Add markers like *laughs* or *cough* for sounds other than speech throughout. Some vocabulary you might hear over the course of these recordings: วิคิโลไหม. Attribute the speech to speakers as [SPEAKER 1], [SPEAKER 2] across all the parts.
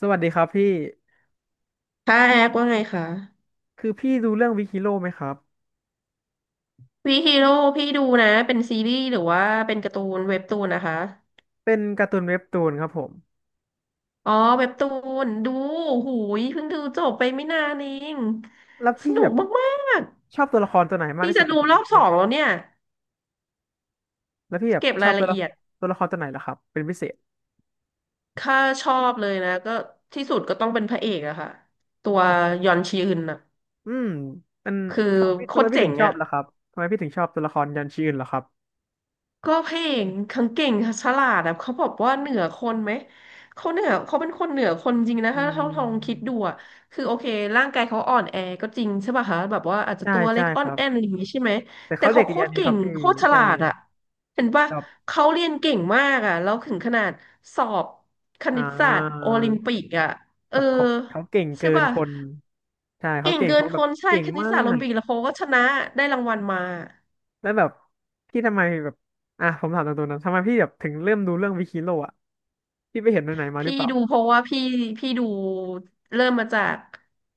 [SPEAKER 1] สวัสดีครับพี่
[SPEAKER 2] ค่ะแอคว่าไงคะ
[SPEAKER 1] คือพี่ดูเรื่องวิคิโลไหมครับ
[SPEAKER 2] วีฮีโร่พี่ดูนะเป็นซีรีส์หรือว่าเป็นการ์ตูนเว็บตูนนะคะ
[SPEAKER 1] เป็นการ์ตูนเว็บตูนครับผม
[SPEAKER 2] อ๋อเว็บตูนดูหูยเพิ่งดูจบไปไม่นานเอง
[SPEAKER 1] แล้ว
[SPEAKER 2] ส
[SPEAKER 1] พี่
[SPEAKER 2] นุ
[SPEAKER 1] แบ
[SPEAKER 2] ก
[SPEAKER 1] บ
[SPEAKER 2] มาก
[SPEAKER 1] ชอบตัวละครตัวไหน
[SPEAKER 2] ๆ
[SPEAKER 1] มาก
[SPEAKER 2] นี่
[SPEAKER 1] ที่
[SPEAKER 2] จะ
[SPEAKER 1] สุด
[SPEAKER 2] ดู
[SPEAKER 1] อะครับ
[SPEAKER 2] รอ
[SPEAKER 1] ใน
[SPEAKER 2] บส
[SPEAKER 1] เรื่
[SPEAKER 2] อ
[SPEAKER 1] อง
[SPEAKER 2] งแล้วเนี่ย
[SPEAKER 1] แล้วพี่แบบ
[SPEAKER 2] เก็บ
[SPEAKER 1] ช
[SPEAKER 2] รา
[SPEAKER 1] อ
[SPEAKER 2] ย
[SPEAKER 1] บตั
[SPEAKER 2] ละ
[SPEAKER 1] วละ
[SPEAKER 2] เอียด
[SPEAKER 1] ตัวละครตัวไหนล่ะครับเป็นพิเศษ
[SPEAKER 2] ค่าชอบเลยนะก็ที่สุดก็ต้องเป็นพระเอกอะค่ะตัว
[SPEAKER 1] อ๋
[SPEAKER 2] ย
[SPEAKER 1] อ
[SPEAKER 2] อนชีอึนอะ
[SPEAKER 1] อืมเป็น
[SPEAKER 2] คือ
[SPEAKER 1] ทำไม
[SPEAKER 2] โค
[SPEAKER 1] ทำไม
[SPEAKER 2] ตร
[SPEAKER 1] พี่
[SPEAKER 2] เจ๋
[SPEAKER 1] ถึ
[SPEAKER 2] ง
[SPEAKER 1] งชอบ
[SPEAKER 2] อะ
[SPEAKER 1] ล่ะครับ ทำไมพี่ถึงชอบตัวละครยันชื่ออื่นล่ะครับ
[SPEAKER 2] ก็เพลงเอกขงเก่งฉลาดอะเขาบอกว่าเหนือคนไหมเขาเหนือเขาเป็นคนเหนือคนจริงนะ
[SPEAKER 1] อื
[SPEAKER 2] ถ้าลองคิด
[SPEAKER 1] ม
[SPEAKER 2] ดูอะคือโอเคร่างกายเขาอ่อนแอก็จริงใช่ป่ะคะแบบว่าอาจจะ
[SPEAKER 1] ใช่
[SPEAKER 2] ตัวเล็
[SPEAKER 1] ใช่
[SPEAKER 2] กอ่
[SPEAKER 1] ค
[SPEAKER 2] อน
[SPEAKER 1] รับ
[SPEAKER 2] แอนอะไรอย่างงี้ใช่ไหม
[SPEAKER 1] แต่
[SPEAKER 2] แต่
[SPEAKER 1] เขาเด็
[SPEAKER 2] เขา
[SPEAKER 1] ก
[SPEAKER 2] โค
[SPEAKER 1] เรียน
[SPEAKER 2] ตร
[SPEAKER 1] นี่
[SPEAKER 2] เก่
[SPEAKER 1] ครั
[SPEAKER 2] ง
[SPEAKER 1] บพี่
[SPEAKER 2] โคตรฉ
[SPEAKER 1] ใช่
[SPEAKER 2] ลาดอะเห็นป่ะ
[SPEAKER 1] แบบ
[SPEAKER 2] เขาเรียนเก่งมากอะแล้วถึงขนาดสอบคณิ
[SPEAKER 1] อ่า
[SPEAKER 2] ตศาสตร์โอลิมปิกอะเอ
[SPEAKER 1] แบ
[SPEAKER 2] อ
[SPEAKER 1] บเขาเก่ง
[SPEAKER 2] ใช่
[SPEAKER 1] เกิน
[SPEAKER 2] ป่ะ
[SPEAKER 1] คนใช่เขา
[SPEAKER 2] เก่ง
[SPEAKER 1] เก่ง
[SPEAKER 2] เกิน
[SPEAKER 1] เขาแบ
[SPEAKER 2] ค
[SPEAKER 1] บ
[SPEAKER 2] นใช่
[SPEAKER 1] เก่ง
[SPEAKER 2] คณิต
[SPEAKER 1] มา
[SPEAKER 2] ศาสตร์โอลิ
[SPEAKER 1] ก
[SPEAKER 2] มปิกแล้วเขาก็ชนะได้รางวัลมา
[SPEAKER 1] แล้วแบบพี่ทำไมแบบอ่ะผมถามตรงๆนะทำไมพี่แบบถึงเริ่มดูเรื่องวิคิโลอ่ะพี่ไปเห็นไหนๆมาหรื
[SPEAKER 2] พี่
[SPEAKER 1] อเปล่า
[SPEAKER 2] ดูเพราะว่าพี่ดูเริ่มมาจาก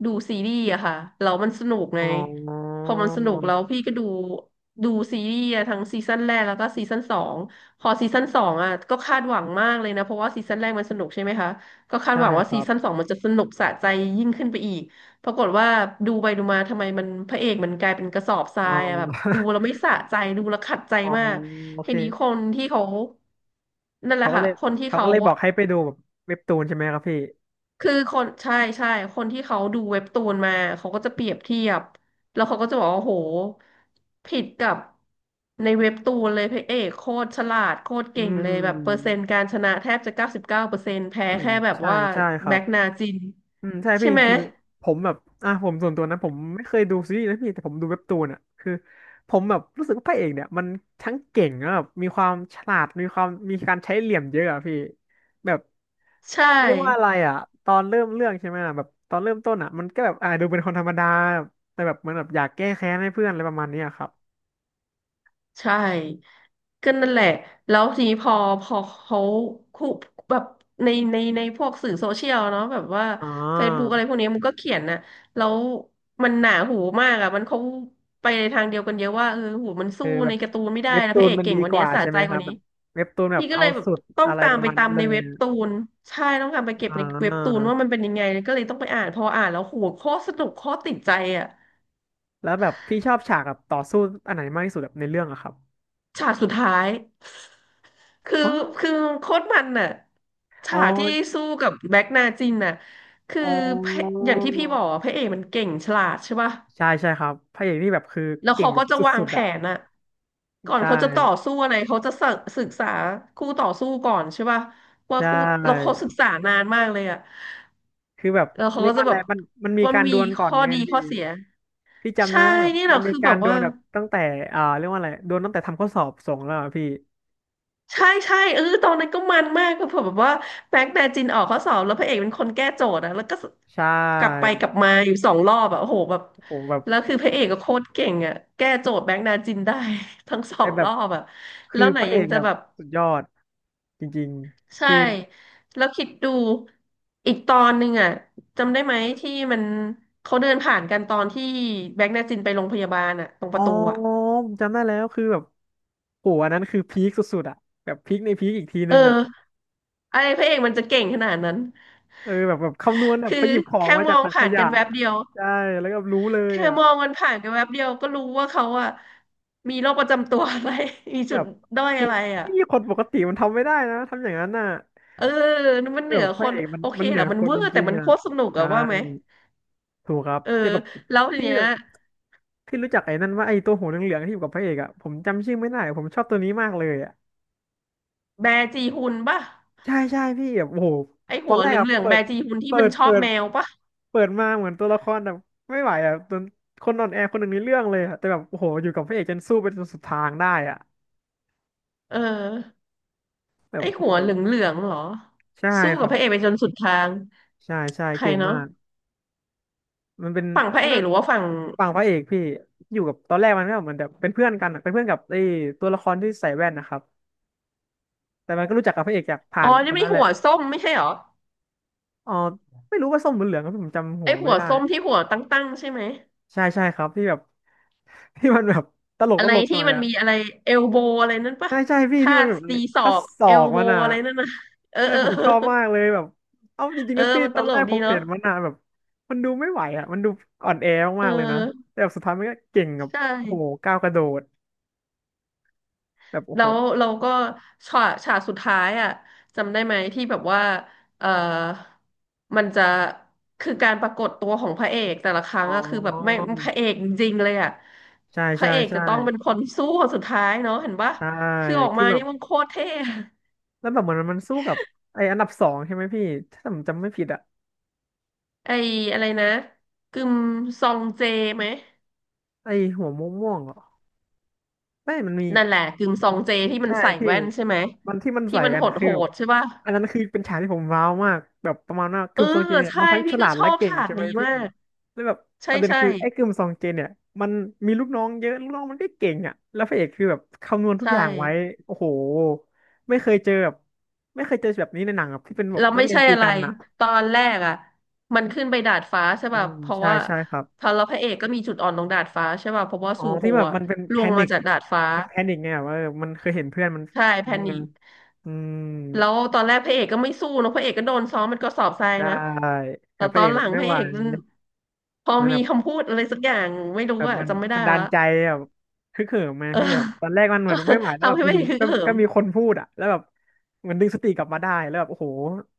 [SPEAKER 2] ดูซีรีส์อะค่ะแล้วมันสนุกไง
[SPEAKER 1] อ๋อ
[SPEAKER 2] พอมันสนุกแล้วพี่ก็ดูดูซีรีส์อะทั้งซีซั่นแรกแล้วก็ซีซั่นสองพอซีซั่นสองอะก็คาดหวังมากเลยนะเพราะว่าซีซั่นแรกมันสนุกใช่ไหมคะก็คาด
[SPEAKER 1] ใช่
[SPEAKER 2] หวังว่า
[SPEAKER 1] ค
[SPEAKER 2] ซี
[SPEAKER 1] รับ
[SPEAKER 2] ซั่นสองมันจะสนุกสะใจยิ่งขึ้นไปอีกปรากฏว่าดูไปดูมาทำไมมันพระเอกมันกลายเป็นกระสอบทรา
[SPEAKER 1] อ๋อ
[SPEAKER 2] ยอะแบบดูแล้วไม่
[SPEAKER 1] *laughs*
[SPEAKER 2] สะใจดูแล้วขัดใจ
[SPEAKER 1] อ๋อ
[SPEAKER 2] มาก
[SPEAKER 1] โอ
[SPEAKER 2] ที
[SPEAKER 1] เค
[SPEAKER 2] นี้คนที่เขานั่นแห
[SPEAKER 1] เขา
[SPEAKER 2] ละ
[SPEAKER 1] ก็
[SPEAKER 2] ค่ะ
[SPEAKER 1] เลย
[SPEAKER 2] คนที่
[SPEAKER 1] เขา
[SPEAKER 2] เขา
[SPEAKER 1] ก็เลยบอกให้ไปดูแบบเว็บตูนใช่ไหมครับพี่
[SPEAKER 2] คือคนใช่ใช่คนที่เขาดูเว็บตูนมาเขาก็จะเปรียบเทียบแล้วเขาก็จะบอกว่าโหผิดกับในเว็บตูนเลยพระเอกโคตรฉลาดโคตร
[SPEAKER 1] อื
[SPEAKER 2] เก่งเลยแบบเปอร์เซ็
[SPEAKER 1] ม
[SPEAKER 2] นต์การชนะแทบจะ99%แพ้
[SPEAKER 1] อืม
[SPEAKER 2] แค่แบบ
[SPEAKER 1] ใช่
[SPEAKER 2] ว่า
[SPEAKER 1] ใช่ครั
[SPEAKER 2] แบ็
[SPEAKER 1] บ
[SPEAKER 2] กนาจิน
[SPEAKER 1] อืมใช่
[SPEAKER 2] ใช่
[SPEAKER 1] พี่
[SPEAKER 2] ไหม
[SPEAKER 1] คือผมแบบอ่ะผมส่วนตัวนะผมไม่เคยดูซีรีส์นะพี่แต่ผมดูเว็บตูนอ่ะคือผมแบบรู้สึกว่าพระเอกเนี่ยมันทั้งเก่งแล้วแบบมีความฉลาดมีความมีการใช้เหลี่ยมเยอะอ่ะพี่แบบ
[SPEAKER 2] ใช่
[SPEAKER 1] เรียกว่าอะไรอ่ะตอนเริ่มเรื่องใช่ไหมอ่ะแบบตอนเริ่มต้นอ่ะมันก็แบบดูเป็นคนธรรมดาแบบแต่แบบเหมันแบบอยากแก้แค้นให้เพื่อนอะไรประมาณเนี้ยครับ
[SPEAKER 2] ใช่ก็นั่นแหละแล้วทีนี้พอเขาคุแบบในพวกสื่อโซเชียลเนาะแบบว่า
[SPEAKER 1] อ๋อ
[SPEAKER 2] Facebook อะไรพวกนี้มันก็เขียนนะแล้วมันหนาหูมากอ่ะมันเขาไปในทางเดียวกันเยอะว่าเออโหูมัน
[SPEAKER 1] เออ
[SPEAKER 2] สู้
[SPEAKER 1] แบ
[SPEAKER 2] ใน
[SPEAKER 1] บ
[SPEAKER 2] การ์ตูนไม่ได้
[SPEAKER 1] เว็บ
[SPEAKER 2] นะ
[SPEAKER 1] ตู
[SPEAKER 2] พระ
[SPEAKER 1] น
[SPEAKER 2] เอก
[SPEAKER 1] มัน
[SPEAKER 2] เก่
[SPEAKER 1] ดี
[SPEAKER 2] งกว่า
[SPEAKER 1] ก
[SPEAKER 2] นี้
[SPEAKER 1] ว่า
[SPEAKER 2] สะ
[SPEAKER 1] ใช่
[SPEAKER 2] ใจ
[SPEAKER 1] ไหมค
[SPEAKER 2] ก
[SPEAKER 1] รั
[SPEAKER 2] ว่า
[SPEAKER 1] บแบ
[SPEAKER 2] นี้
[SPEAKER 1] บเว็บตูนแบบ
[SPEAKER 2] พี่ก็
[SPEAKER 1] เอา
[SPEAKER 2] เลยแบบ
[SPEAKER 1] สุด
[SPEAKER 2] ต้อง
[SPEAKER 1] อะไร
[SPEAKER 2] ตา
[SPEAKER 1] ป
[SPEAKER 2] ม
[SPEAKER 1] ระ
[SPEAKER 2] ไป
[SPEAKER 1] มาณ
[SPEAKER 2] ตา
[SPEAKER 1] นั้
[SPEAKER 2] ม
[SPEAKER 1] นเล
[SPEAKER 2] ในเว็
[SPEAKER 1] ย
[SPEAKER 2] บตูนใช่ต้องตามไปเก็บ
[SPEAKER 1] อ่
[SPEAKER 2] ในเว็บตูนว่า
[SPEAKER 1] า
[SPEAKER 2] มันเป็นยังไงก็เลยต้องไปอ่านพออ่านแล้วโหโคตรสนุกโคตรติดใจอ่ะ
[SPEAKER 1] แล้วแบบพี่ชอบฉากแบบต่อสู้อันไหนมากที่สุดแบบในเรื่องอะครับ
[SPEAKER 2] ฉากสุดท้าย คือ
[SPEAKER 1] อ๋อ
[SPEAKER 2] คือโค้ดมันน่ะ
[SPEAKER 1] อ๋อ
[SPEAKER 2] ฉากที่สู้กับแบ็กนาจินน่ะคือ
[SPEAKER 1] อ๋อ
[SPEAKER 2] พระอย่างที่พี่บอกอะพระเอกมันเก่งฉลาดใช่ป่ะ
[SPEAKER 1] ใช่ครับพระเอกนี่แบบคือ
[SPEAKER 2] แล้ว
[SPEAKER 1] เก่ง
[SPEAKER 2] เขา
[SPEAKER 1] แบ
[SPEAKER 2] ก็
[SPEAKER 1] บ
[SPEAKER 2] จะ
[SPEAKER 1] ส
[SPEAKER 2] วาง
[SPEAKER 1] ุด
[SPEAKER 2] แผ
[SPEAKER 1] ๆอะ
[SPEAKER 2] นน่ะก่อน
[SPEAKER 1] ใช่
[SPEAKER 2] เขาจะต่อสู้อะไรเขาจะศึกษาคู่ต่อสู้ก่อนใช่ป่ะว่า
[SPEAKER 1] ใช
[SPEAKER 2] คู่เราเขา
[SPEAKER 1] ่
[SPEAKER 2] ศึกษานานมากเลยอ่ะ
[SPEAKER 1] คือแบบ
[SPEAKER 2] แล้วเขา
[SPEAKER 1] เรีย
[SPEAKER 2] ก็
[SPEAKER 1] กว่า
[SPEAKER 2] จะ
[SPEAKER 1] อะ
[SPEAKER 2] แบ
[SPEAKER 1] ไร
[SPEAKER 2] บ
[SPEAKER 1] มันมี
[SPEAKER 2] ว่า
[SPEAKER 1] การด
[SPEAKER 2] มี
[SPEAKER 1] วลก่อน
[SPEAKER 2] ข้อ
[SPEAKER 1] ไง
[SPEAKER 2] ดี
[SPEAKER 1] พี่
[SPEAKER 2] ข้อเสีย
[SPEAKER 1] พี่จำได้
[SPEAKER 2] ใช่
[SPEAKER 1] ว่าแบบ
[SPEAKER 2] นี่แห
[SPEAKER 1] มั
[SPEAKER 2] ละ
[SPEAKER 1] นมี
[SPEAKER 2] คือ
[SPEAKER 1] กา
[SPEAKER 2] แบ
[SPEAKER 1] ร
[SPEAKER 2] บ
[SPEAKER 1] ดว
[SPEAKER 2] ว่า
[SPEAKER 1] ลแบบตั้งแต่อ่าเรียกว่าอะไรดวลตั้งแต่ทำข้อสอบส่งแล้วอะพี่
[SPEAKER 2] ใช่ใช่เออตอนนั้นก็มันมากก็เผื่อแบบว่าแบงค์แมจินออกข้อสอบแล้วพระเอกเป็นคนแก้โจทย์อะแล้วก็
[SPEAKER 1] ใช่
[SPEAKER 2] กลับไปกลับมาอยู่สองรอบอะโอ้โหแบบ
[SPEAKER 1] โอ้แบบ
[SPEAKER 2] แล้วคือพระเอกก็โคตรเก่งอะแก้โจทย์แบงค์นาจินได้ *laughs* ทั้งสอ
[SPEAKER 1] แต่
[SPEAKER 2] ง
[SPEAKER 1] แบ
[SPEAKER 2] ร
[SPEAKER 1] บ
[SPEAKER 2] อบอะ
[SPEAKER 1] คื
[SPEAKER 2] แล้
[SPEAKER 1] อ
[SPEAKER 2] วไห
[SPEAKER 1] พ
[SPEAKER 2] น
[SPEAKER 1] ระเอ
[SPEAKER 2] ยัง
[SPEAKER 1] ก
[SPEAKER 2] จะ
[SPEAKER 1] แบบ
[SPEAKER 2] แบบ
[SPEAKER 1] สุดยอดจริงๆ
[SPEAKER 2] ใช่
[SPEAKER 1] คือ
[SPEAKER 2] แล้วคิดดูอีกตอนหนึ่งอะจำได้ไหมที่มันเขาเดินผ่านกันตอนที่แบงค์นาจินไปโรงพยาบาลอะตรงป
[SPEAKER 1] อ๋อ
[SPEAKER 2] ระตูอะ
[SPEAKER 1] ผมจำได้แล้วคือแบบโหอันนั้นคือพีคสุดๆอ่ะแบบพีคในพีคอีกที
[SPEAKER 2] เอ
[SPEAKER 1] นึงอ่ะ
[SPEAKER 2] ออะไรพระเอกมันจะเก่งขนาดนั้น
[SPEAKER 1] เออแบบแบบคำนวณแบบ
[SPEAKER 2] คื
[SPEAKER 1] ไป
[SPEAKER 2] อ
[SPEAKER 1] หยิบของ
[SPEAKER 2] แค่
[SPEAKER 1] มา
[SPEAKER 2] ม
[SPEAKER 1] จาก
[SPEAKER 2] อง
[SPEAKER 1] ถังข
[SPEAKER 2] ผ่าน
[SPEAKER 1] ยะ
[SPEAKER 2] กันแวบเดียว
[SPEAKER 1] ใช่แล้วก็รู้เลย
[SPEAKER 2] แค่
[SPEAKER 1] อ่ะ
[SPEAKER 2] มองมันผ่านกันแวบเดียวก็รู้ว่าเขาอะมีโรคประจำตัวอะไร *laughs* มี
[SPEAKER 1] แบ
[SPEAKER 2] จุด
[SPEAKER 1] บ
[SPEAKER 2] ด้อย
[SPEAKER 1] คือ
[SPEAKER 2] อะไรอะ
[SPEAKER 1] พี่คนปกติมันทำไม่ได้นะทำอย่างนั้นน่ะ
[SPEAKER 2] เออมัน
[SPEAKER 1] แบ
[SPEAKER 2] เหนือ
[SPEAKER 1] บพ
[SPEAKER 2] ค
[SPEAKER 1] ระ
[SPEAKER 2] น
[SPEAKER 1] เอกมัน
[SPEAKER 2] โอเค
[SPEAKER 1] มันเห
[SPEAKER 2] แห
[SPEAKER 1] นื
[SPEAKER 2] ละ
[SPEAKER 1] อ
[SPEAKER 2] มัน
[SPEAKER 1] คน
[SPEAKER 2] เวอ
[SPEAKER 1] จ
[SPEAKER 2] ร์แต่
[SPEAKER 1] ริง
[SPEAKER 2] มัน
[SPEAKER 1] ๆ
[SPEAKER 2] โค
[SPEAKER 1] อ่ะ
[SPEAKER 2] ตรสนุก
[SPEAKER 1] ใช่
[SPEAKER 2] อะว่าไหม
[SPEAKER 1] ถูกครับ
[SPEAKER 2] เออ
[SPEAKER 1] แต่แบบ
[SPEAKER 2] แล้วที
[SPEAKER 1] พี่
[SPEAKER 2] เนี้ย
[SPEAKER 1] พี่รู้จักไอ้นั่นว่าไอ้ตัวหัวเหลืองๆที่อยู่กับพระเอกอ่ะผมจำชื่อไม่ได้ผมชอบตัวนี้มากเลยอ่ะ
[SPEAKER 2] แบร์จีฮุนป่ะ
[SPEAKER 1] ใช่พี่แบบโอ้โห
[SPEAKER 2] ไอ
[SPEAKER 1] ตอ
[SPEAKER 2] หั
[SPEAKER 1] น
[SPEAKER 2] ว
[SPEAKER 1] แร
[SPEAKER 2] เห
[SPEAKER 1] กอ่ะ
[SPEAKER 2] ลืองๆแบร์จีฮุนที่
[SPEAKER 1] เปิ
[SPEAKER 2] มัน
[SPEAKER 1] ด
[SPEAKER 2] ชอ
[SPEAKER 1] เปิ
[SPEAKER 2] บ
[SPEAKER 1] ด
[SPEAKER 2] แมวป่ะ
[SPEAKER 1] เปิดมาเหมือนตัวละครแบบไม่ไหวอ่ะจนคนน่อนแอร์คนหนึ่งในเรื่องเลยอะแต่แบบโอ้โหอยู่กับพระเอกจนสู้ไปจนสุดทางได้อ่ะ
[SPEAKER 2] เออ
[SPEAKER 1] แบ
[SPEAKER 2] ไอ
[SPEAKER 1] บโอ้
[SPEAKER 2] หั
[SPEAKER 1] โห
[SPEAKER 2] วเหลืองๆเหรอ
[SPEAKER 1] ใช่
[SPEAKER 2] สู้
[SPEAKER 1] ค
[SPEAKER 2] กับ
[SPEAKER 1] รั
[SPEAKER 2] พ
[SPEAKER 1] บ
[SPEAKER 2] ระเอกไปจนสุดทาง
[SPEAKER 1] ใช่
[SPEAKER 2] ใคร
[SPEAKER 1] เก่ง
[SPEAKER 2] เนาะ
[SPEAKER 1] มากมันเป็น
[SPEAKER 2] ฝั่งพระ
[SPEAKER 1] อัน
[SPEAKER 2] เอก
[SPEAKER 1] นั้น
[SPEAKER 2] หรือว่าฝั่ง
[SPEAKER 1] ฝั่งพระเอกพี่อยู่กับตอนแรกมันก็เหมือนแบบเป็นเพื่อนกันอะเป็นเพื่อนกับไอ้ตัวละครที่ใส่แว่นนะครับแต่มันก็รู้จักกับพระเอกจากผ่า
[SPEAKER 2] อ๋อ
[SPEAKER 1] นค
[SPEAKER 2] นี่
[SPEAKER 1] น
[SPEAKER 2] ไม่
[SPEAKER 1] นั้นแห
[SPEAKER 2] หั
[SPEAKER 1] ละ
[SPEAKER 2] วส้มไม่ใช่เหรอ
[SPEAKER 1] อ๋อไม่รู้ว่าส้มหรือเหลืองก็ผมจำหั
[SPEAKER 2] ไอ
[SPEAKER 1] ว
[SPEAKER 2] หั
[SPEAKER 1] ไม่
[SPEAKER 2] ว
[SPEAKER 1] ได้
[SPEAKER 2] ส้มที่หัวตั้งๆใช่ไหม
[SPEAKER 1] ใช่ครับที่แบบ *laughs* ที่มันแบบตลก
[SPEAKER 2] อะ
[SPEAKER 1] ต
[SPEAKER 2] ไร
[SPEAKER 1] ลกห
[SPEAKER 2] ที่
[SPEAKER 1] น่อย
[SPEAKER 2] มัน
[SPEAKER 1] อ่ะ
[SPEAKER 2] มีอะไรเอลโบอะไรนั่นปะ
[SPEAKER 1] ใช่พี่
[SPEAKER 2] ท่า
[SPEAKER 1] ที่มัน
[SPEAKER 2] ตี
[SPEAKER 1] แบบ
[SPEAKER 2] ศอ
[SPEAKER 1] คัด
[SPEAKER 2] ก
[SPEAKER 1] ศอ
[SPEAKER 2] เอล
[SPEAKER 1] ก
[SPEAKER 2] โบ
[SPEAKER 1] มันอ่ะ
[SPEAKER 2] อะไรนั่นนะเออ
[SPEAKER 1] ใช่
[SPEAKER 2] เออ
[SPEAKER 1] ผม
[SPEAKER 2] เอ
[SPEAKER 1] ช
[SPEAKER 2] อ
[SPEAKER 1] อบมากเลยแบบ เอาจริง
[SPEAKER 2] เอ
[SPEAKER 1] ๆ
[SPEAKER 2] อ
[SPEAKER 1] นะพี่
[SPEAKER 2] มัน
[SPEAKER 1] ต
[SPEAKER 2] ต
[SPEAKER 1] อน
[SPEAKER 2] ล
[SPEAKER 1] แร
[SPEAKER 2] ก
[SPEAKER 1] กผ
[SPEAKER 2] ดี
[SPEAKER 1] มเห็
[SPEAKER 2] เนาะ
[SPEAKER 1] นมันอะแบบมันดูไม่ไหวอ่ะมันดูอ่อนแอ
[SPEAKER 2] เ
[SPEAKER 1] มากๆเลยนะ
[SPEAKER 2] ออ
[SPEAKER 1] แต่แบบสุดท้ายมันก็เก่งกับ
[SPEAKER 2] ใช่
[SPEAKER 1] โอ้โหก้าวกระโดดแบบโอ้
[SPEAKER 2] แล้
[SPEAKER 1] โห
[SPEAKER 2] วเราก็ฉากสุดท้ายอ่ะจำได้ไหมที่แบบว่าเออมันจะคือการปรากฏตัวของพระเอกแต่ละครั้
[SPEAKER 1] อ๋
[SPEAKER 2] งอะคือแบบแม่ง
[SPEAKER 1] อ
[SPEAKER 2] พระเอกจริงๆเลยอะ
[SPEAKER 1] ใช่
[SPEAKER 2] พระ
[SPEAKER 1] ใช่
[SPEAKER 2] เอกจะ
[SPEAKER 1] ใช่
[SPEAKER 2] ต้องเป็นคนสู้คนสุดท้ายเนาะเห็นปะ
[SPEAKER 1] ใช่
[SPEAKER 2] คือออก
[SPEAKER 1] คือ
[SPEAKER 2] มา
[SPEAKER 1] แบ
[SPEAKER 2] นี่
[SPEAKER 1] บ
[SPEAKER 2] มันโคตรเท่อะ
[SPEAKER 1] แล้วแบบเหมือนมันสู้กับไออันดับสองใช่ไหมพี่ถ้าผมจำไม่ผิดอ่ะ
[SPEAKER 2] ไออะไรนะกึมซองเจไหม
[SPEAKER 1] ไอหัวม่วงๆเหรอไม่มันมี
[SPEAKER 2] นั่นแหละกึมซ
[SPEAKER 1] ผ
[SPEAKER 2] อ
[SPEAKER 1] ม
[SPEAKER 2] งเจที่มัน
[SPEAKER 1] ใช่
[SPEAKER 2] ใส่
[SPEAKER 1] พี่
[SPEAKER 2] แว่นใช่ไหม
[SPEAKER 1] มันที่มัน
[SPEAKER 2] ที่
[SPEAKER 1] ใส่
[SPEAKER 2] มัน
[SPEAKER 1] กั
[SPEAKER 2] โห
[SPEAKER 1] นอะ
[SPEAKER 2] ด
[SPEAKER 1] คื
[SPEAKER 2] โห
[SPEAKER 1] อแบบ
[SPEAKER 2] ดใช่ป่ะ
[SPEAKER 1] อันนั้นคือเป็นฉากที่ผมว้าวมากแบบประมาณว่า
[SPEAKER 2] เอ
[SPEAKER 1] กิ
[SPEAKER 2] อ
[SPEAKER 1] มซองเจนเนี่ย
[SPEAKER 2] ใช่
[SPEAKER 1] มันทั้ง
[SPEAKER 2] พี่
[SPEAKER 1] ฉ
[SPEAKER 2] ก็
[SPEAKER 1] ลาด
[SPEAKER 2] ช
[SPEAKER 1] และ
[SPEAKER 2] อบ
[SPEAKER 1] เก่ง
[SPEAKER 2] ฉาก
[SPEAKER 1] ใช่ไหม
[SPEAKER 2] นี้
[SPEAKER 1] พี่
[SPEAKER 2] มาก
[SPEAKER 1] แล้วแบบ
[SPEAKER 2] ใช่
[SPEAKER 1] ประเด็น
[SPEAKER 2] ใช่
[SPEAKER 1] คือไอ้กิมซองเจนเนี่ยมันมีลูกน้องเยอะลูกน้องมันก็เก่งอ่ะแล้วพระเอกคือแบบคำนวณทุก
[SPEAKER 2] ใช่
[SPEAKER 1] อย่างไว้โอ้โหไม่เคยเจอแบบไม่เคยเจอแบบนี้ในหนังแบบที่เป็นแบ
[SPEAKER 2] แล้
[SPEAKER 1] บ
[SPEAKER 2] ว
[SPEAKER 1] นัก
[SPEAKER 2] ไม่
[SPEAKER 1] เรียน
[SPEAKER 2] ใช่
[SPEAKER 1] ตี
[SPEAKER 2] อะไร
[SPEAKER 1] กันอ่ะ
[SPEAKER 2] ตอนแรกอ่ะมันขึ้นไปดาดฟ้าใช่
[SPEAKER 1] อื
[SPEAKER 2] ป่ะ
[SPEAKER 1] ม
[SPEAKER 2] เพราะ
[SPEAKER 1] ใช่
[SPEAKER 2] ว่า
[SPEAKER 1] ใช่ครับ
[SPEAKER 2] พอเราพระเอกก็มีจุดอ่อนตรงดาดฟ้าใช่ป่ะเพราะว่า
[SPEAKER 1] อ๋อ
[SPEAKER 2] ซูโฮ
[SPEAKER 1] ที่แบบ
[SPEAKER 2] อะ
[SPEAKER 1] มันเป็น
[SPEAKER 2] ล
[SPEAKER 1] แพ
[SPEAKER 2] วง
[SPEAKER 1] นิ
[SPEAKER 2] มา
[SPEAKER 1] ค
[SPEAKER 2] จากดาดฟ้า
[SPEAKER 1] เป็นแพนิคไงแบบว่าเออมันเคยเห็นเพื่อนมัน
[SPEAKER 2] ใช่แพ
[SPEAKER 1] อืม
[SPEAKER 2] นิค
[SPEAKER 1] อืม
[SPEAKER 2] แล้วตอนแรกพระเอกก็ไม่สู้นะพระเอกก็โดนซ้อมเป็นกระสอบทราย
[SPEAKER 1] ใช่
[SPEAKER 2] นะ
[SPEAKER 1] แบ
[SPEAKER 2] แต่
[SPEAKER 1] บพ
[SPEAKER 2] ต
[SPEAKER 1] ระ
[SPEAKER 2] อ
[SPEAKER 1] เอ
[SPEAKER 2] น
[SPEAKER 1] ก
[SPEAKER 2] หลัง
[SPEAKER 1] ไม่
[SPEAKER 2] พระ
[SPEAKER 1] ไหว
[SPEAKER 2] เอกนั้นพอ
[SPEAKER 1] เหมันแบ
[SPEAKER 2] มี
[SPEAKER 1] บ
[SPEAKER 2] คำพูดอะไรสักอย่างไม่รู้
[SPEAKER 1] แบบ
[SPEAKER 2] อะ
[SPEAKER 1] มัน
[SPEAKER 2] จำไม่ได้
[SPEAKER 1] มันดั
[SPEAKER 2] แล้
[SPEAKER 1] น
[SPEAKER 2] ว
[SPEAKER 1] ใจแบบฮึกเหิมมา
[SPEAKER 2] เออ
[SPEAKER 1] ให้แบบตอนแรกมันเหมือนไม่ไหว
[SPEAKER 2] *laughs*
[SPEAKER 1] แล้วแบ
[SPEAKER 2] ทำ
[SPEAKER 1] บ
[SPEAKER 2] ให้พ
[SPEAKER 1] อ
[SPEAKER 2] ระ
[SPEAKER 1] ยู่
[SPEAKER 2] เอกฮึก
[SPEAKER 1] ก็
[SPEAKER 2] เหิ
[SPEAKER 1] ก็
[SPEAKER 2] ม
[SPEAKER 1] มีคนพูดอ่ะแล้วแบบเหมันดึงสติกลับมาได้แล้วแบบโอ้โห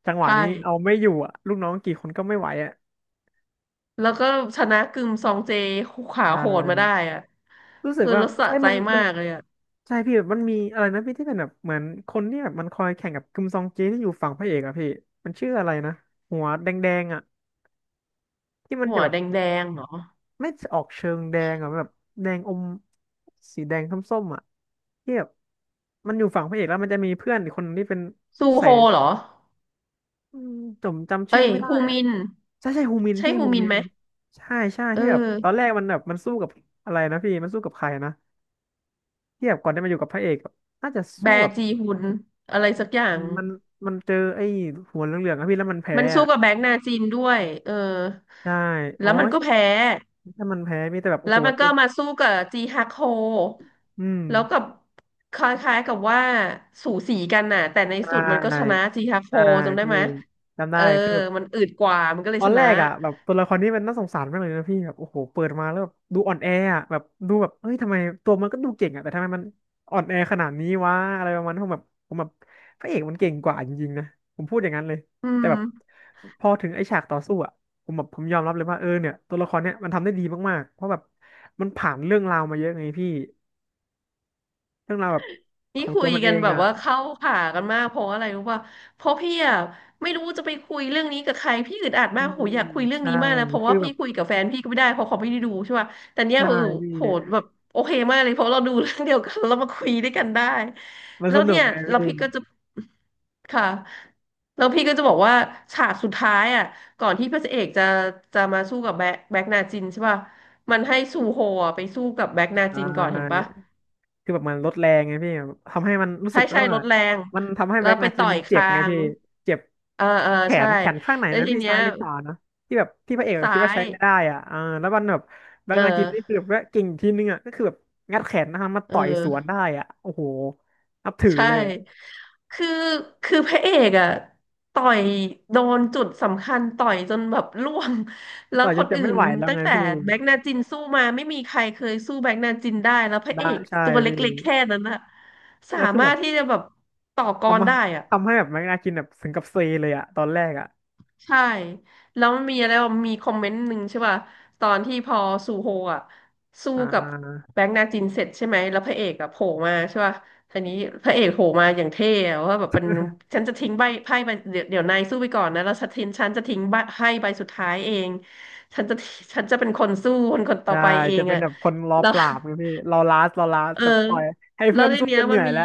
[SPEAKER 1] จังหวะ
[SPEAKER 2] ใช่
[SPEAKER 1] นี้เอาไม่อยู่อ่ะลูกน้องกี่คนก็ไม่ไหวอ่ะ
[SPEAKER 2] แล้วก็ชนะกึมซองเจขา
[SPEAKER 1] ใช
[SPEAKER 2] โหดมาได้
[SPEAKER 1] ่
[SPEAKER 2] อะ
[SPEAKER 1] รู้สึก
[SPEAKER 2] คือ
[SPEAKER 1] ว่า
[SPEAKER 2] รสะ
[SPEAKER 1] เอ้ย
[SPEAKER 2] ใจ
[SPEAKER 1] มันมั
[SPEAKER 2] มา
[SPEAKER 1] น
[SPEAKER 2] กเลยอะ
[SPEAKER 1] ใช่พี่แบบมันมีอะไรนะพี่ที่เป็นแบบเหมือนคนที่แบบมันคอยแข่งกับคิมซองเจที่อยู่ฝั่งพระเอกอ่ะพี่มันชื่ออะไรนะ หัวแดงๆอ่ะที่มัน
[SPEAKER 2] หั
[SPEAKER 1] จะ
[SPEAKER 2] ว
[SPEAKER 1] แบบ
[SPEAKER 2] แดงๆเหรอ
[SPEAKER 1] ไม่ออกเชิงแดงอ่ะแบบแดงอมสีแดงส้มๆอ่ะที่แบบมันอยู่ฝั่งพระเอกแล้วมันจะมีเพื่อนอีกคนนึงที่เป็น
[SPEAKER 2] ซู
[SPEAKER 1] ใส่
[SPEAKER 2] โฮเหรอ
[SPEAKER 1] อืมผมจำ
[SPEAKER 2] เอ้
[SPEAKER 1] ชื่อ
[SPEAKER 2] ย
[SPEAKER 1] ไม่ได้
[SPEAKER 2] ฮู
[SPEAKER 1] อ่ะ
[SPEAKER 2] มิน
[SPEAKER 1] ใช่ใช่ฮูมิน
[SPEAKER 2] ใช่
[SPEAKER 1] พี่
[SPEAKER 2] ฮู
[SPEAKER 1] ฮู
[SPEAKER 2] มิน
[SPEAKER 1] มิ
[SPEAKER 2] ไห
[SPEAKER 1] น
[SPEAKER 2] ม
[SPEAKER 1] ใช่ใช่
[SPEAKER 2] เอ
[SPEAKER 1] ที่แบบตอน
[SPEAKER 2] อ
[SPEAKER 1] แรกมันแบบมันสู้กับอะไรนะพี่มันสู้กับใครนะที่แบบก่อนจะมาอยู่กับพระเอกอะน่าจะ
[SPEAKER 2] แบ
[SPEAKER 1] สู้กับ
[SPEAKER 2] จีฮุนอะไรสักอย่าง
[SPEAKER 1] มันมันเจอไอ้หัวเหลืองๆอะพี่แล้วมันแพ้
[SPEAKER 2] มันสู้
[SPEAKER 1] อะ
[SPEAKER 2] กับแบงก์นาจินด้วยเออ
[SPEAKER 1] ใช่อ๋
[SPEAKER 2] แล้
[SPEAKER 1] อ
[SPEAKER 2] วมันก็
[SPEAKER 1] ใช่
[SPEAKER 2] แพ้
[SPEAKER 1] ถ้ามันแพ้พี่แต่แบบโอ้
[SPEAKER 2] แล้ว
[SPEAKER 1] โห
[SPEAKER 2] มัน
[SPEAKER 1] ตั
[SPEAKER 2] ก็
[SPEAKER 1] ว
[SPEAKER 2] มาสู้กับจีฮักโฮ
[SPEAKER 1] อืม
[SPEAKER 2] แล้วกับคล้ายๆกับว่าสูสีกันน่ะแต่ใน
[SPEAKER 1] ใช
[SPEAKER 2] สุดมันก็ชนะ
[SPEAKER 1] ่
[SPEAKER 2] จีฮักโฮ
[SPEAKER 1] ใช่
[SPEAKER 2] จำได้
[SPEAKER 1] พี่
[SPEAKER 2] ไหม
[SPEAKER 1] จำ
[SPEAKER 2] เอ
[SPEAKER 1] ได้
[SPEAKER 2] อ
[SPEAKER 1] คือแบบ
[SPEAKER 2] มันอืดกว่ามันก็เล
[SPEAKER 1] ต
[SPEAKER 2] ย
[SPEAKER 1] อ
[SPEAKER 2] ช
[SPEAKER 1] นแร
[SPEAKER 2] นะ
[SPEAKER 1] กอ่ะแบบตัวละครนี้มันน่าสงสารมากเลยนะพี่แบบโอ้โหเปิดมาแล้วแบบดูอ่อนแออ่ะแบบดูแบบเฮ้ยทำไมตัวมันก็ดูเก่งอ่ะแต่ทำไมมันอ่อนแอขนาดนี้วะอะไรประมาณนั้นผมแบบพระเอกมันเก่งกว่าจริงๆนะผมพูดอย่างนั้นเลย
[SPEAKER 2] อื
[SPEAKER 1] แต่แบบ
[SPEAKER 2] ม
[SPEAKER 1] พอถึงไอ้ฉากต่อสู้อ่ะผมยอมรับเลยว่าเออเนี่ยตัวละครเนี้ยมันทำได้ดีมากๆเพราะแบบมันผ่านเรื่องราวมาเยอะไงพี่เรื่องราวแบบข
[SPEAKER 2] นี่
[SPEAKER 1] อง
[SPEAKER 2] คุ
[SPEAKER 1] ตัว
[SPEAKER 2] ย
[SPEAKER 1] มันเอ
[SPEAKER 2] กัน
[SPEAKER 1] ง
[SPEAKER 2] แบบ
[SPEAKER 1] อ่ะ
[SPEAKER 2] ว่าเข้าขากันมากเพราะอะไรรู้ป่ะเพราะพี่อ่ะไม่รู้จะไปคุยเรื่องนี้กับใครพี่อึดอัด
[SPEAKER 1] อื
[SPEAKER 2] มากโห
[SPEAKER 1] ม
[SPEAKER 2] อยากคุยเรื่อง
[SPEAKER 1] ใช่
[SPEAKER 2] นี้มากนะเพราะ
[SPEAKER 1] คื
[SPEAKER 2] ว่า
[SPEAKER 1] อแบ
[SPEAKER 2] พี่
[SPEAKER 1] บ
[SPEAKER 2] คุยกับแฟนพี่ก็ไม่ได้เพราะเขาไม่ได้ดูใช่ป่ะแต่เนี้ย
[SPEAKER 1] ใช่
[SPEAKER 2] เออ
[SPEAKER 1] พี่
[SPEAKER 2] โหแบบโอเคมากเลยเพราะเราดูเรื่องเดียวกันแล้วมาคุยด้วยกันได้
[SPEAKER 1] มัน
[SPEAKER 2] แล้
[SPEAKER 1] ส
[SPEAKER 2] ว
[SPEAKER 1] นุ
[SPEAKER 2] เนี่
[SPEAKER 1] ก
[SPEAKER 2] ย
[SPEAKER 1] ไง
[SPEAKER 2] เรา
[SPEAKER 1] พี่
[SPEAKER 2] พี่ก็จะค่ะแล้วพี่ก็จะบอกว่าฉากสุดท้ายอ่ะก่อนที่พระเอกจะจะมาสู้กับแบ็คนาจินใช่ป่ะมันให้ซูโฮอะไปสู้กับแบ็คนา
[SPEAKER 1] ใช่
[SPEAKER 2] จินก่อนเห็นปะ
[SPEAKER 1] คือแบบมันลดแรงไงพี่แบบทำให้มันรู้
[SPEAKER 2] ใช่
[SPEAKER 1] สึกแล้ว
[SPEAKER 2] ใช่ร
[SPEAKER 1] ว่า
[SPEAKER 2] ถแรง
[SPEAKER 1] มันทำให้
[SPEAKER 2] แล้ว
[SPEAKER 1] แบ็ก
[SPEAKER 2] ไป
[SPEAKER 1] นาจิ
[SPEAKER 2] ต่
[SPEAKER 1] น
[SPEAKER 2] อย
[SPEAKER 1] มันเจ็บ
[SPEAKER 2] คา
[SPEAKER 1] ไง
[SPEAKER 2] ง
[SPEAKER 1] พี่เจ็บ
[SPEAKER 2] เออเออ
[SPEAKER 1] แข
[SPEAKER 2] ใช่
[SPEAKER 1] นแขนข้างไหน
[SPEAKER 2] แล้ว
[SPEAKER 1] นะ
[SPEAKER 2] ที
[SPEAKER 1] พี่
[SPEAKER 2] เนี้ย
[SPEAKER 1] ซ้ายหรือขวานะที่แบบที่พระเอกคิ
[SPEAKER 2] ซ้า
[SPEAKER 1] ดว่า
[SPEAKER 2] ย
[SPEAKER 1] ใช้ไม่ได้อ่ะอ่าแล้วมันแบบแบ็
[SPEAKER 2] เอ
[SPEAKER 1] ก
[SPEAKER 2] อ
[SPEAKER 1] นาจินนี่คือแบบว่าเก่งทีนึงอ่ะก็คือแบบงัดแขนนะครับมา
[SPEAKER 2] เอ
[SPEAKER 1] ต่อยสวน
[SPEAKER 2] อ
[SPEAKER 1] ได้อ่ะโอ้โหนับถือ
[SPEAKER 2] ใช่
[SPEAKER 1] เลยอะ
[SPEAKER 2] คือคือพระเอกอะต่อยโดนจุดสำคัญต่อยจนแบบร่วงแล้ว
[SPEAKER 1] ต่อยจ
[SPEAKER 2] ค
[SPEAKER 1] น
[SPEAKER 2] น
[SPEAKER 1] จะ
[SPEAKER 2] อื่
[SPEAKER 1] ไม่
[SPEAKER 2] น
[SPEAKER 1] ไหวแล้ว
[SPEAKER 2] ตั้ง
[SPEAKER 1] ไง
[SPEAKER 2] แต่
[SPEAKER 1] พี่
[SPEAKER 2] แบกนาจินสู้มาไม่มีใครเคยสู้แบกนาจินได้แล้วพระ
[SPEAKER 1] ได้
[SPEAKER 2] เอก
[SPEAKER 1] ใช่
[SPEAKER 2] ตัว
[SPEAKER 1] พี่
[SPEAKER 2] เล็กๆแค่นั้นอะสา
[SPEAKER 1] แล้วคือ
[SPEAKER 2] มา
[SPEAKER 1] แบ
[SPEAKER 2] ร
[SPEAKER 1] บ
[SPEAKER 2] ถที่จะแบบต่อกร
[SPEAKER 1] ทำมา
[SPEAKER 2] ได้อะ
[SPEAKER 1] ทำให้แบบแบ็กนาจินแบบถึงกับเซเลยอ่ะตอนแรกอ่ะ
[SPEAKER 2] ใช่แล้วมันมีอะไรวะมีคอมเมนต์หนึ่งใช่ป่ะตอนที่พอซูโฮอ่ะสู้
[SPEAKER 1] อ่
[SPEAKER 2] กับ
[SPEAKER 1] า
[SPEAKER 2] แบงค์นาจินเสร็จใช่ไหมแล้วพระเอกอ่ะโผล่มาใช่ป่ะทีนี้พระเอกโผล่มาอย่างเท่อะว่าแบบเป็นฉันจะทิ้งใบไพ่ใบเดี๋ยวนายสู้ไปก่อนนะแล้วฉันจะทิ้งใบไพ่ใบสุดท้ายเองฉันจะฉันจะเป็นคนสู้คนต่อ
[SPEAKER 1] ใช่
[SPEAKER 2] ไปเอ
[SPEAKER 1] จะ
[SPEAKER 2] ง
[SPEAKER 1] เป็น
[SPEAKER 2] อ่ะ
[SPEAKER 1] แบบคนรอ
[SPEAKER 2] แล้ว
[SPEAKER 1] ป
[SPEAKER 2] *laughs*
[SPEAKER 1] ราบไงพี่รอลาสรอลาส
[SPEAKER 2] เออ
[SPEAKER 1] แต่ปล่อยให้
[SPEAKER 2] แล้
[SPEAKER 1] เพื่
[SPEAKER 2] ว
[SPEAKER 1] อน
[SPEAKER 2] ใน
[SPEAKER 1] สู้
[SPEAKER 2] เนี้
[SPEAKER 1] จ
[SPEAKER 2] ย
[SPEAKER 1] นเห
[SPEAKER 2] มั
[SPEAKER 1] นื่
[SPEAKER 2] น
[SPEAKER 1] อย
[SPEAKER 2] มี
[SPEAKER 1] แล้ว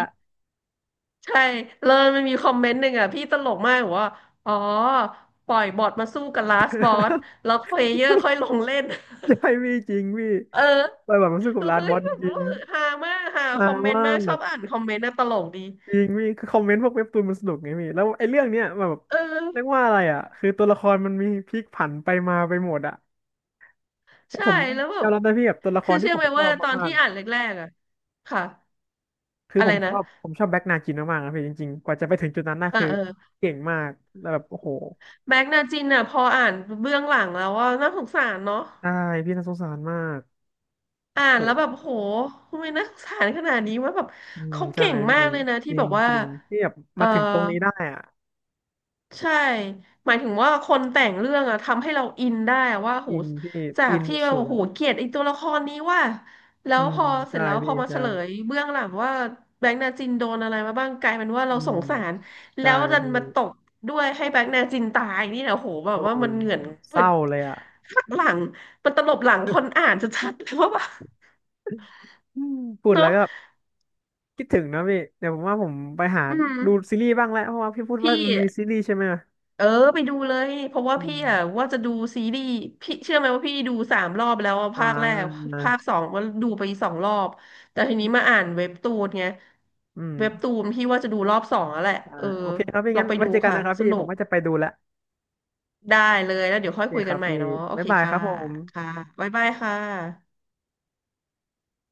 [SPEAKER 2] ใช่เลิวมันมีคอมเมนต์หนึ่งอ่ะพี่ตลกมากบอกว่า อ๋อปล่อยบอทมาสู้กับลาสบอสแล้วเพลเยอร์ค่
[SPEAKER 1] *laughs*
[SPEAKER 2] อยลงเล่น
[SPEAKER 1] ใช่พี่จริงพี่
[SPEAKER 2] *laughs* เออ
[SPEAKER 1] ปล่อยแบบมันสู้กับ
[SPEAKER 2] คือ
[SPEAKER 1] ลาส
[SPEAKER 2] เฮ้
[SPEAKER 1] บ
[SPEAKER 2] ย
[SPEAKER 1] อส
[SPEAKER 2] แบ
[SPEAKER 1] จ
[SPEAKER 2] บ
[SPEAKER 1] ริ
[SPEAKER 2] ว่า
[SPEAKER 1] ง
[SPEAKER 2] ฮามากฮา
[SPEAKER 1] ๆฮา
[SPEAKER 2] คอมเมนต์
[SPEAKER 1] มา
[SPEAKER 2] มากชอ
[SPEAKER 1] ก
[SPEAKER 2] บอ่านคอมเมนต์นะตลกดี
[SPEAKER 1] จริงพี่คือคอมเมนต์พวกเว็บตูนมันสนุกไงพี่แล้วไอ้เรื่องเนี้ยแบบ
[SPEAKER 2] เออ
[SPEAKER 1] เรียกว่าอะไรอ่ะคือตัวละครมันมีพลิกผันไปมาไปหมดอ่ะแต่
[SPEAKER 2] ใช่
[SPEAKER 1] ผม
[SPEAKER 2] แล้วแบ
[SPEAKER 1] ยอ
[SPEAKER 2] บ
[SPEAKER 1] มรับนะพี่แบบตัวละค
[SPEAKER 2] คือ
[SPEAKER 1] รที่
[SPEAKER 2] เชื่อ
[SPEAKER 1] ผ
[SPEAKER 2] ไห
[SPEAKER 1] ม
[SPEAKER 2] ม
[SPEAKER 1] ชอ
[SPEAKER 2] ว่า
[SPEAKER 1] บ
[SPEAKER 2] ตอน
[SPEAKER 1] มาก
[SPEAKER 2] ที่
[SPEAKER 1] ๆอะ
[SPEAKER 2] อ่านแรกๆอ่ะค่ะ
[SPEAKER 1] คือ
[SPEAKER 2] อะ
[SPEAKER 1] ผ
[SPEAKER 2] ไร
[SPEAKER 1] มช
[SPEAKER 2] นะ
[SPEAKER 1] อบผมชอบแบ็กนาจินมากๆนะพี่จริงๆกว่าจะไปถึงจุดนั้นน่ะ
[SPEAKER 2] เออ
[SPEAKER 1] คือ
[SPEAKER 2] เออ
[SPEAKER 1] เก่งมากแล้วแบบโอ้โห
[SPEAKER 2] แม็กนาจินอ่ะพออ่านเบื้องหลังแล้วว่าน่าสงสารเนาะ
[SPEAKER 1] ใช่พี่น่าสงสารมาก
[SPEAKER 2] อ่าน
[SPEAKER 1] โห
[SPEAKER 2] แล้วแบบโหทำไมน่าสงสารขนาดนี้ว่าแบบ
[SPEAKER 1] อืม
[SPEAKER 2] เขา
[SPEAKER 1] ใช่
[SPEAKER 2] เก่งมา
[SPEAKER 1] พี่
[SPEAKER 2] กเลยนะ
[SPEAKER 1] จ
[SPEAKER 2] ที่
[SPEAKER 1] ริ
[SPEAKER 2] แบ
[SPEAKER 1] ง
[SPEAKER 2] บว่า
[SPEAKER 1] จริงพี่แบบ
[SPEAKER 2] เออ
[SPEAKER 1] มาถึงตรงนี้ได้อ่ะ
[SPEAKER 2] ใช่หมายถึงว่าคนแต่งเรื่องอะทำให้เราอินได้อะว่าโห
[SPEAKER 1] อินพี่
[SPEAKER 2] จา
[SPEAKER 1] อิ
[SPEAKER 2] ก
[SPEAKER 1] นส
[SPEAKER 2] ที่เรา
[SPEAKER 1] ุดๆ
[SPEAKER 2] โห
[SPEAKER 1] อ่ะ
[SPEAKER 2] เกลียดไอ้ตัวละครนี้ว่าแล้
[SPEAKER 1] อื
[SPEAKER 2] ว
[SPEAKER 1] ม
[SPEAKER 2] พอเสร็
[SPEAKER 1] ใช่
[SPEAKER 2] จแล้วพ
[SPEAKER 1] พี่
[SPEAKER 2] อมาเฉ
[SPEAKER 1] ใช่
[SPEAKER 2] ลยเบื้องหลังว่าแบงค์นาจินโดนอะไรมาบ้างกลายเป็นว่า
[SPEAKER 1] อื
[SPEAKER 2] เราส
[SPEAKER 1] ม
[SPEAKER 2] งสารแล้
[SPEAKER 1] ใช่
[SPEAKER 2] วดัน
[SPEAKER 1] พี่
[SPEAKER 2] มาตกด้วยให้แบงค์นาจินตายนี่นะโหแบ
[SPEAKER 1] โอ้
[SPEAKER 2] บว่ามันเหงื่อน
[SPEAKER 1] เศ
[SPEAKER 2] มัน
[SPEAKER 1] ร้าเลยอ่ะ
[SPEAKER 2] หักหลังมันตลบหลังคนอ่านชัดๆ *laughs* เลยว่าแบบ
[SPEAKER 1] อืมพูดแล้
[SPEAKER 2] เนาะ
[SPEAKER 1] วก็คิดถึงนะพี่เดี๋ยวผมว่าผมไปหา
[SPEAKER 2] อืม
[SPEAKER 1] ดูซีรีส์บ้างแล้วเพราะว่าพี่พูดว่า
[SPEAKER 2] พี่
[SPEAKER 1] มันมีซีรีส์ใช่ไหม
[SPEAKER 2] เออไปดูเลยเพราะว่า
[SPEAKER 1] อื
[SPEAKER 2] พี่
[SPEAKER 1] ม
[SPEAKER 2] อ่ะว่าจะดูซีรีส์พี่เชื่อไหมว่าพี่ดู3 รอบแล้วอะ
[SPEAKER 1] อ่
[SPEAKER 2] ภาคแรก
[SPEAKER 1] า
[SPEAKER 2] ภาคสองก็ดูไป2 รอบแต่ทีนี้มาอ่านเว็บตูนไง
[SPEAKER 1] อืม
[SPEAKER 2] เว็บตูนพี่ว่าจะดูรอบ 2แล้วแหละ
[SPEAKER 1] อ่า
[SPEAKER 2] เออ
[SPEAKER 1] โอเคครับพี่
[SPEAKER 2] ลอง
[SPEAKER 1] งั้น
[SPEAKER 2] ไป
[SPEAKER 1] ไว้
[SPEAKER 2] ดู
[SPEAKER 1] เจอกัน
[SPEAKER 2] ค่ะ
[SPEAKER 1] นะครับ
[SPEAKER 2] ส
[SPEAKER 1] พี่
[SPEAKER 2] นุ
[SPEAKER 1] ผม
[SPEAKER 2] ก
[SPEAKER 1] ว่าจะไปดูแล้ว
[SPEAKER 2] ได้เลยแล้วเดี๋ยว
[SPEAKER 1] โอ
[SPEAKER 2] ค่อย
[SPEAKER 1] เค
[SPEAKER 2] คุย
[SPEAKER 1] ค
[SPEAKER 2] กั
[SPEAKER 1] รั
[SPEAKER 2] น
[SPEAKER 1] บ
[SPEAKER 2] ใหม่
[SPEAKER 1] พี่
[SPEAKER 2] เนาะโอ
[SPEAKER 1] บ๊า
[SPEAKER 2] เค
[SPEAKER 1] ยบายค
[SPEAKER 2] ค่ะ
[SPEAKER 1] รับผม
[SPEAKER 2] ค่ะบ๊ายบายค่ะ